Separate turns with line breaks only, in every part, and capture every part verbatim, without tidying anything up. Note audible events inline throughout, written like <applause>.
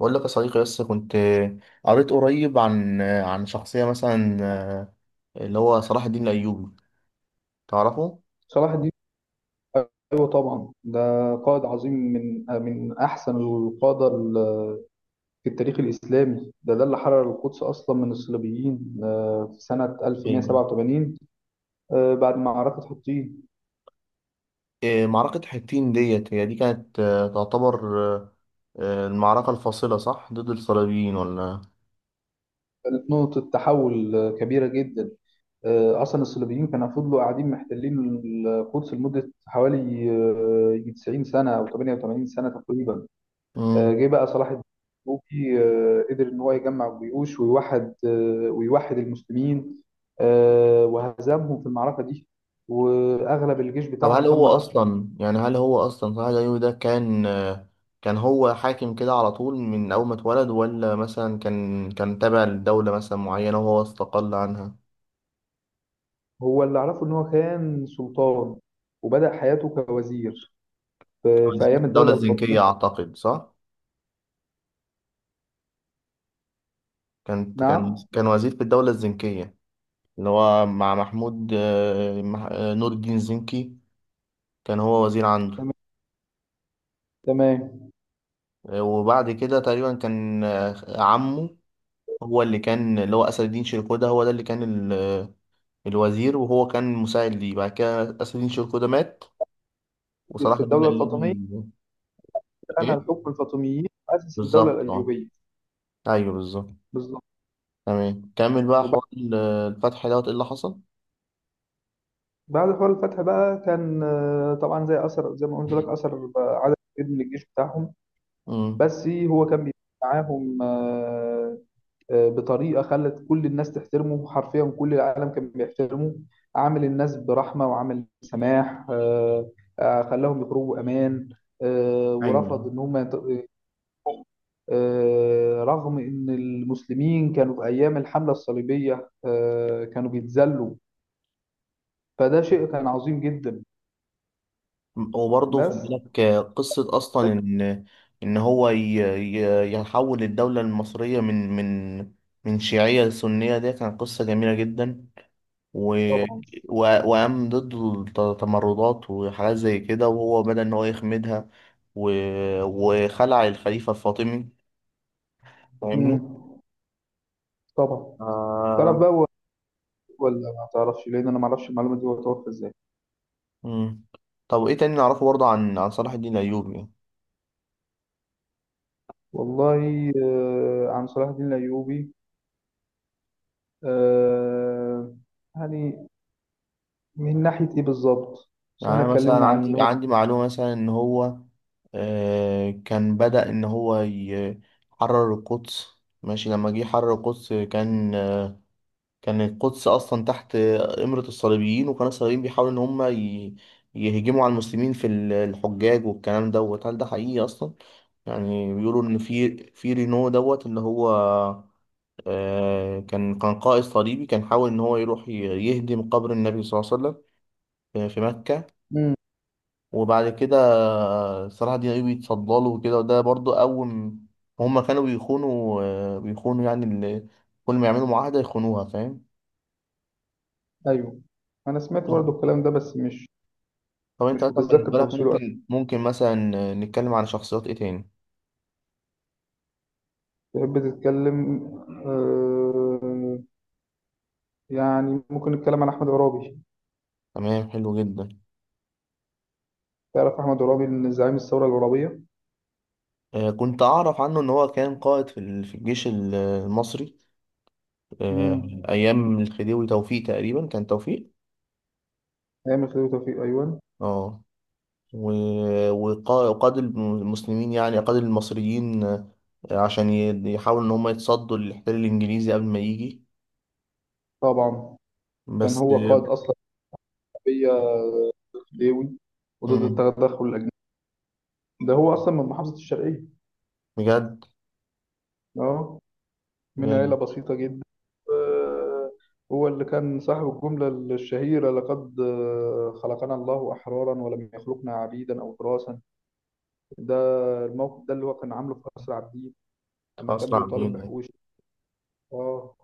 بقول لك يا صديقي، بس كنت قريت قريب عن عن شخصية مثلا آه، اللي هو صلاح الدين الأيوبي. تعرفه؟
صلاح الدين، ايوه طبعا. ده قائد عظيم من من احسن القاده، ال- في التاريخ الاسلامي. ده ده اللي حرر القدس اصلا من الصليبيين، آه، في سنه
أيوة.
ألف ومية سبعة وثمانين، آه، بعد معركه حطين.
إيه، معركة حطين ديت، هي دي كانت آه، تعتبر آه، آه، المعركة الفاصلة صح ضد الصليبيين ولا؟
كانت نقطه تحول آه، كبيره جدا. آه، اصلا الصليبيين كانوا فضلوا قاعدين محتلين القدس لمده حوالي آه، تسعين سنه او تمانية وتمانين سنه تقريبا. آه،
مم.
جه بقى صلاح الدين الايوبي. آه، قدر ان هو يجمع الجيوش، ويوحد آه، ويوحد المسلمين. آه، وهزمهم في المعركه دي، واغلب الجيش
طب
بتاعهم
هل هو
تم اسره.
أصلا، يعني هل هو أصلا صلاح الدين الأيوبي ده كان آه، كان هو حاكم كده على طول من أول ما اتولد، ولا مثلا كان كان تابع لدولة مثلا معينة وهو استقل عنها؟
هو اللي اعرفه ان هو كان سلطان، وبدأ حياته كوزير في في
كان في
ايام
الدولة
الدوله الفاطميه.
الزنكية أعتقد، صح؟ كان كان
نعم.
كان وزير في الدولة الزنكية، اللي هو مع محمود آه، مح- آه، نور الدين زنكي، كان هو وزير عنده.
تمام، تمام.
آه، وبعد كده تقريبا كان آه، عمه هو اللي كان، اللي هو أسد الدين شيركوده، هو ده اللي كان ال- آه، الوزير، وهو كان مساعد ليه. بعد كده أسد الدين شيركوده مات
في
وصلاح الدين
الدوله الفاطميه،
الأيوبي...
انا
إيه
الحكم الفاطميين اسس الدوله
بالظبط، أه.
الايوبيه.
أيوه بالظبط.
بالظبط.
تمام، كمل بقى
وبعد
حوار ال- الفتح دوت إيه اللي حصل؟
بعد حوار الفتح بقى، كان آه، طبعا، زي اثر، زي ما قلت لك،
<laughs>
اثر عدد كبير من الجيش بتاعهم.
مم.
بس هو كان بيتعامل معاهم آه، آه، بطريقة خلت كل الناس تحترمه. حرفيا كل العالم كان بيحترمه. عامل الناس برحمة، وعامل سماح. آه، آه، خلاهم يخرجوا أمان. آه،
أيوه،
ورفض إن هم يت- آه، رغم إن المسلمين كانوا في أيام الحملة الصليبية آه، كانوا بيتذلوا. فده شيء كان عظيم جدا.
وبرضه
بس.
خد بالك آه، قصة أصلا إن إن هو ي- ي- يحول الدولة المصرية من من من شيعية لسنية، دي كانت قصة جميلة جدا. و...
طبعا.
و... وقام ضد التمردات وحاجات زي كده، وهو بدأ إن هو يخمدها. و... وخلع الخليفة الفاطمي. فاهمني؟
مم. طبعا. تعرف
آه...
بقى هو- ولا ما تعرفش؟ لأن أنا ما أعرفش المعلومة دي، هو توفى إزاي؟
مم. طب إيه تاني نعرفه برضه عن عن صلاح الدين الأيوبي؟
والله آه، عن صلاح الدين الأيوبي، آه، يعني من ناحية إيه بالظبط؟ بس
يعني
إحنا
أنا مثلا
اتكلمنا عن إن
عندي
هو.
عندي معلومة مثلا إن هو آه، كان بدأ إن هو يحرر القدس. ماشي، لما جه يحرر القدس كان آه، كان القدس أصلا تحت إمرة الصليبيين، وكان الصليبيين بيحاولوا إن هم ي- يهجموا على المسلمين في ال- الحجاج والكلام دوت. هل ده حقيقي أصلا؟ يعني بيقولوا إن في في رينو دوت، اللي هو آه، كان كان قائد صليبي، كان حاول إن هو يروح ي- يهدم قبر النبي صلى الله عليه وسلم في في مكة.
مم.
وبعد كده صلاح الدين ايوبي اتصدى له وكده. وده برضو اول م- هما كانوا بيخونوا، آه، بيخونوا يعني ال- كل ما يعملوا معاهدة يخونوها، فاهم؟
أيوه، أنا سمعت
طب
برضو الكلام ده، بس مش
طب انت
مش
مثلا
متذكر
بالنسبة لك
تفاصيله أوي.
ممكن، ممكن مثلا نتكلم على شخصيات ايه تاني؟
تحب تتكلم؟ آه، يعني ممكن نتكلم عن أحمد عرابي.
تمام، حلو جدا.
تعرف أحمد عرابي إن زعيم الثورة العرابية.
آه، كنت اعرف عنه ان هو كان قائد في ال- في الجيش ال- المصري، آه،
مم.
ايام الخديوي توفيق، تقريبا كان توفيق.
أيام خليل توفيق، أيوه
اه، و- وقا- وقاد المسلمين، يعني قاد المصريين، آه، عشان ي- يحاولوا إن هم يتصدوا للاحتلال الإنجليزي قبل ما يجي.
طبعا. كان
بس
هو
آه،
قائد أصلا شعبية ليوي، وضد
مم،
التدخل الأجنبي. ده هو أصلا من محافظة الشرقية.
بجد؟
أه، من عيلة
بجد.
بسيطة جدا. آه، هو اللي كان صاحب الجملة الشهيرة: لقد آه، خلقنا الله أحرارا، ولم يخلقنا عبيدا أو تراثا. ده الموقف ده اللي هو كان عامله في قصر عابدين، أما كان
أسرع
بيطالب
بينا.
بحقوق. اه.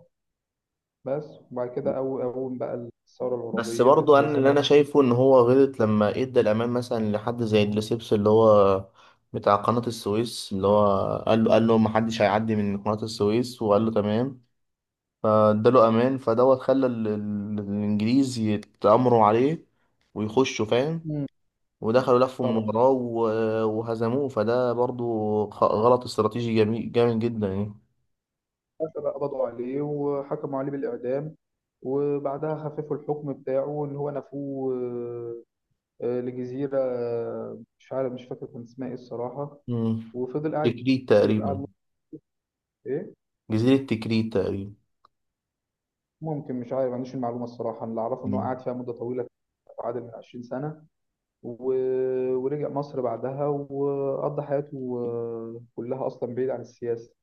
بس. وبعد كده، أو أول بقى الثورة
بس
العربية
برضو
في
أنا اللي أنا
سنة.
شايفه إن هو غلط لما إدى الأمان مثلا لحد زي دريسبس، اللي هو بتاع قناة السويس، اللي هو قال له قال له محدش هيعدي من قناة السويس، وقال له تمام، فاداله امان. فدوت خلى ال- ال- الانجليز يتآمروا عليه ويخشوا، فاهم؟
مم.
ودخلوا، لفوا من
طبعا.
وراه و- وهزموه. فده برضو خ- غلط استراتيجي جميل جامد جدا يعني.
حتى بقى قبضوا عليه وحكموا عليه بالإعدام، وبعدها خففوا الحكم بتاعه إن هو نفوه آه، آه، لجزيرة، آه، مش عارف، مش فاكر كان اسمها إيه الصراحة.
مم.
وفضل قاعد
تكريت
كتير، قعد
تقريبا.
مدة. ايه.
جزيرة تكريت تقريبا.
ممكن، مش عارف، ما عنديش المعلومه الصراحه. اللي اعرفه ان هو
مم.
قعد فيها مده طويله. عادل من عشرين سنه. و... ورجع مصر بعدها، وقضى حياته آه، كلها اصلا بعيد عن السياسه.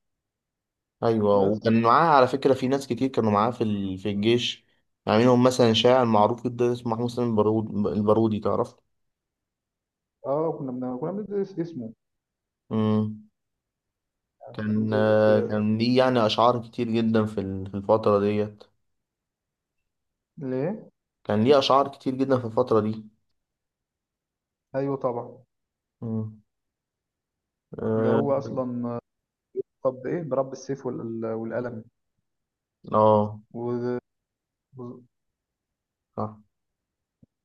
ايوه،
بس.
وكان معاه على فكرة في ناس كتير كانوا معاه في ال- في الجيش. يعني منهم مثلا شاعر معروف جدا اسمه محمود سليم البارود- البارودي، تعرف؟
اه، كنا بن... كنا بندرس اسمه.
مم.
يعني كنا
كان
بندرس
آه،
آه،
كان ليه يعني أشعار كتير جدا في ال- في الفترة ديت.
ليه.
كان ليه أشعار كتير جدا في الفترة دي.
ايوه طبعا.
مم.
ده
آه.
هو اصلا آه، طب ايه، برب السيف وال... والقلم.
آه،
وده- وده
صح.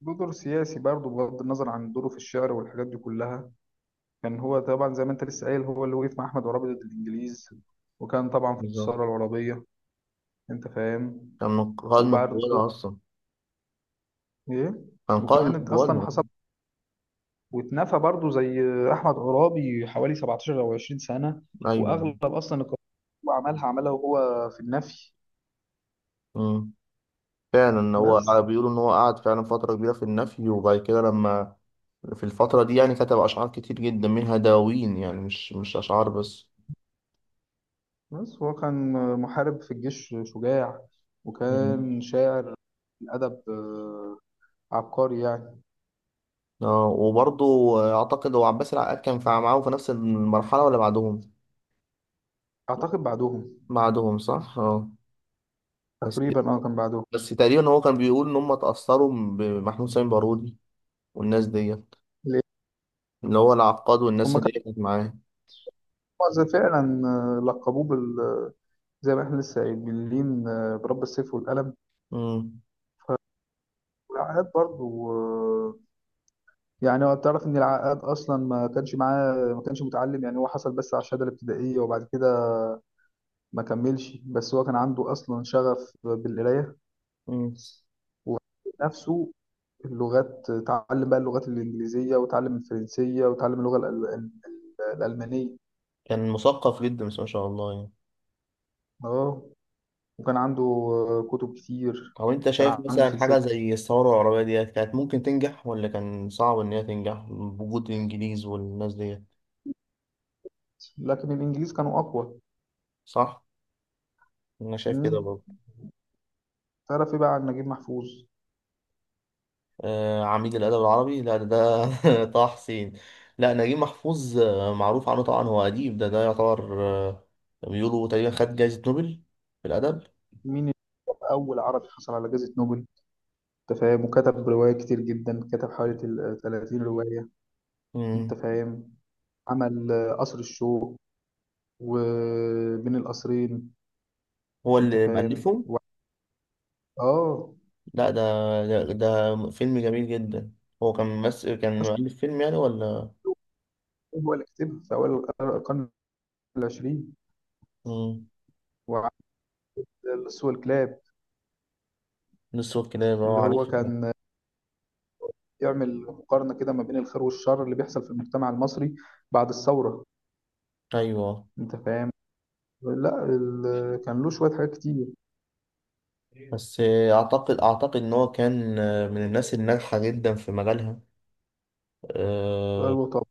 دور سياسي برضه، بغض النظر عن دوره في الشعر والحاجات دي كلها. كان هو طبعا، زي ما انت لسه قايل، هو اللي وقف مع احمد عرابي ضد الانجليز، وكان طبعا في
بالظبط،
الثوره العربيه. انت فاهم؟
كان من قائد من
وبرده.
قوانا أصلا.
ايه.
كان قائد
وكان
من
انت اصلا
قوانا.
حصل، واتنفى برضه زي احمد عرابي حوالي سبعة عشر او عشرين سنه.
أيوه.
واغلب اصلا القرارات اللي هو عملها، عملها وهو في النفي.
مم. فعلا هو
بس.
بيقولوا إن هو قعد فعلا فترة كبيرة في النفي. وبعد كده لما في الفترة دي يعني كتب أشعار كتير جدا، منها دواوين، يعني مش مش أشعار بس.
بس هو كان محارب في الجيش شجاع،
مم.
وكان شاعر الادب آه، عبقري يعني.
اه، وبرضه أعتقد هو عباس العقاد كان في- معاهم في نفس المرحلة ولا بعدهم؟
اعتقد بعدهم.
بعدهم صح؟ اه. بس
تقريبا اه، كان بعدهم.
بس تقريبا هو كان بيقول ان هم اتأثروا بمحمود سامي بارودي والناس دي،
ليه؟
اللي هو العقاد والناس
هما.
اللي هي كانت معاه.
هو فعلا آه، لقبوه بال آه، زي ما احنا لسه قايلين، آه، برب السيف والقلم.
مم.
والعقاد برضو آه، يعني هو، تعرف ان العقاد اصلا ما كانش معاه، ما كانش متعلم، يعني هو حصل بس على الشهاده الابتدائيه، وبعد كده ما كملش. بس هو كان عنده اصلا شغف بالقرايه،
مم.
ونفسه اللغات. اتعلم بقى اللغات الانجليزيه، وتعلم الفرنسيه، وتعلم اللغه الأل- ال- الالمانيه.
كان مثقف جدا بس، ما شاء الله يعني.
اه. وكان عنده آه، كتب كتير.
او انت شايف
كان عنده
مثلا
سلسله.
حاجة زي الثورة العربية ديت كانت ممكن تنجح، ولا كان صعب ان هي تنجح بوجود الانجليز والناس ديت؟
لكن الانجليز كانوا اقوى.
صح، انا شايف كده
مم.
برضه.
تعرف ايه بقى عن نجيب محفوظ؟
آه، عميد الادب العربي، لا ده، ده <laughs> طه حسين. لا نجيب محفوظ آه، معروف عنه طبعا هو اديب، ده ده يعتبر آه، بيقولوا تقريبا خد جايزة نوبل في الادب.
مين اللي هو اول عربي حصل على جائزة نوبل. انت فاهم؟ وكتب رواية كتير جدا، كتب حوالي تل- ثلاثين رواية.
مم.
انت فاهم؟ عمل آه، قصر الشوق، وبين القصرين.
هو
انت
اللي
فاهم؟
مألفه؟
اه.
لا ده، ده, ده فيلم جميل جدا. هو كان ممثل، كان
اشهر
مؤلف فيلم يعني ولا؟
كتاب هو اللي كتبها في اول القرن العشرين.
مم.
وعمل اللص والكلاب،
نصه كده اللي هو
اللي هو
عارفها ده.
كان يعمل مقارنة كده ما بين الخير والشر اللي بيحصل في المجتمع المصري بعد الثورة.
ايوه.
انت فاهم؟ لا، ال- كان له شوية حاجات كتير.
بس اعتقد اعتقد ان هو كان من الناس الناجحه جدا في مجالها. أه.
ايوه طبعا.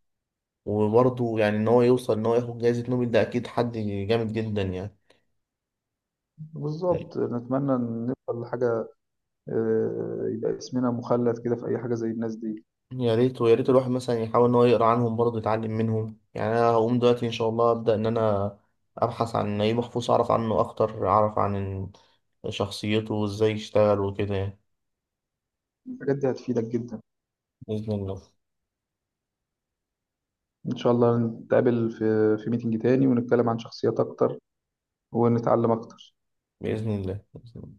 وبرضه يعني ان هو يوصل ان هو ياخد جائزه نوبل، ده اكيد حد جامد جدا يعني.
بالظبط، نتمنى ان نوصل لحاجه آه، يبقى اسمنا مخلد كده في اي حاجه زي الناس دي.
يا ريت، ويا ريت الواحد مثلا يحاول ان هو يقرا عنهم برضه، يتعلم منهم. يعني انا هقوم دلوقتي ان شاء الله ابدا ان انا ابحث عن نجيب محفوظ، اعرف عنه اكتر، اعرف عن شخصيته وازاي يشتغل وكده يعني.
الحاجات دي هتفيدك جدا.
باذن الله.
ان شاء الله نتقابل في في ميتنج تاني، ونتكلم عن شخصيات اكتر، ونتعلم اكتر.
باذن الله، بإذن الله.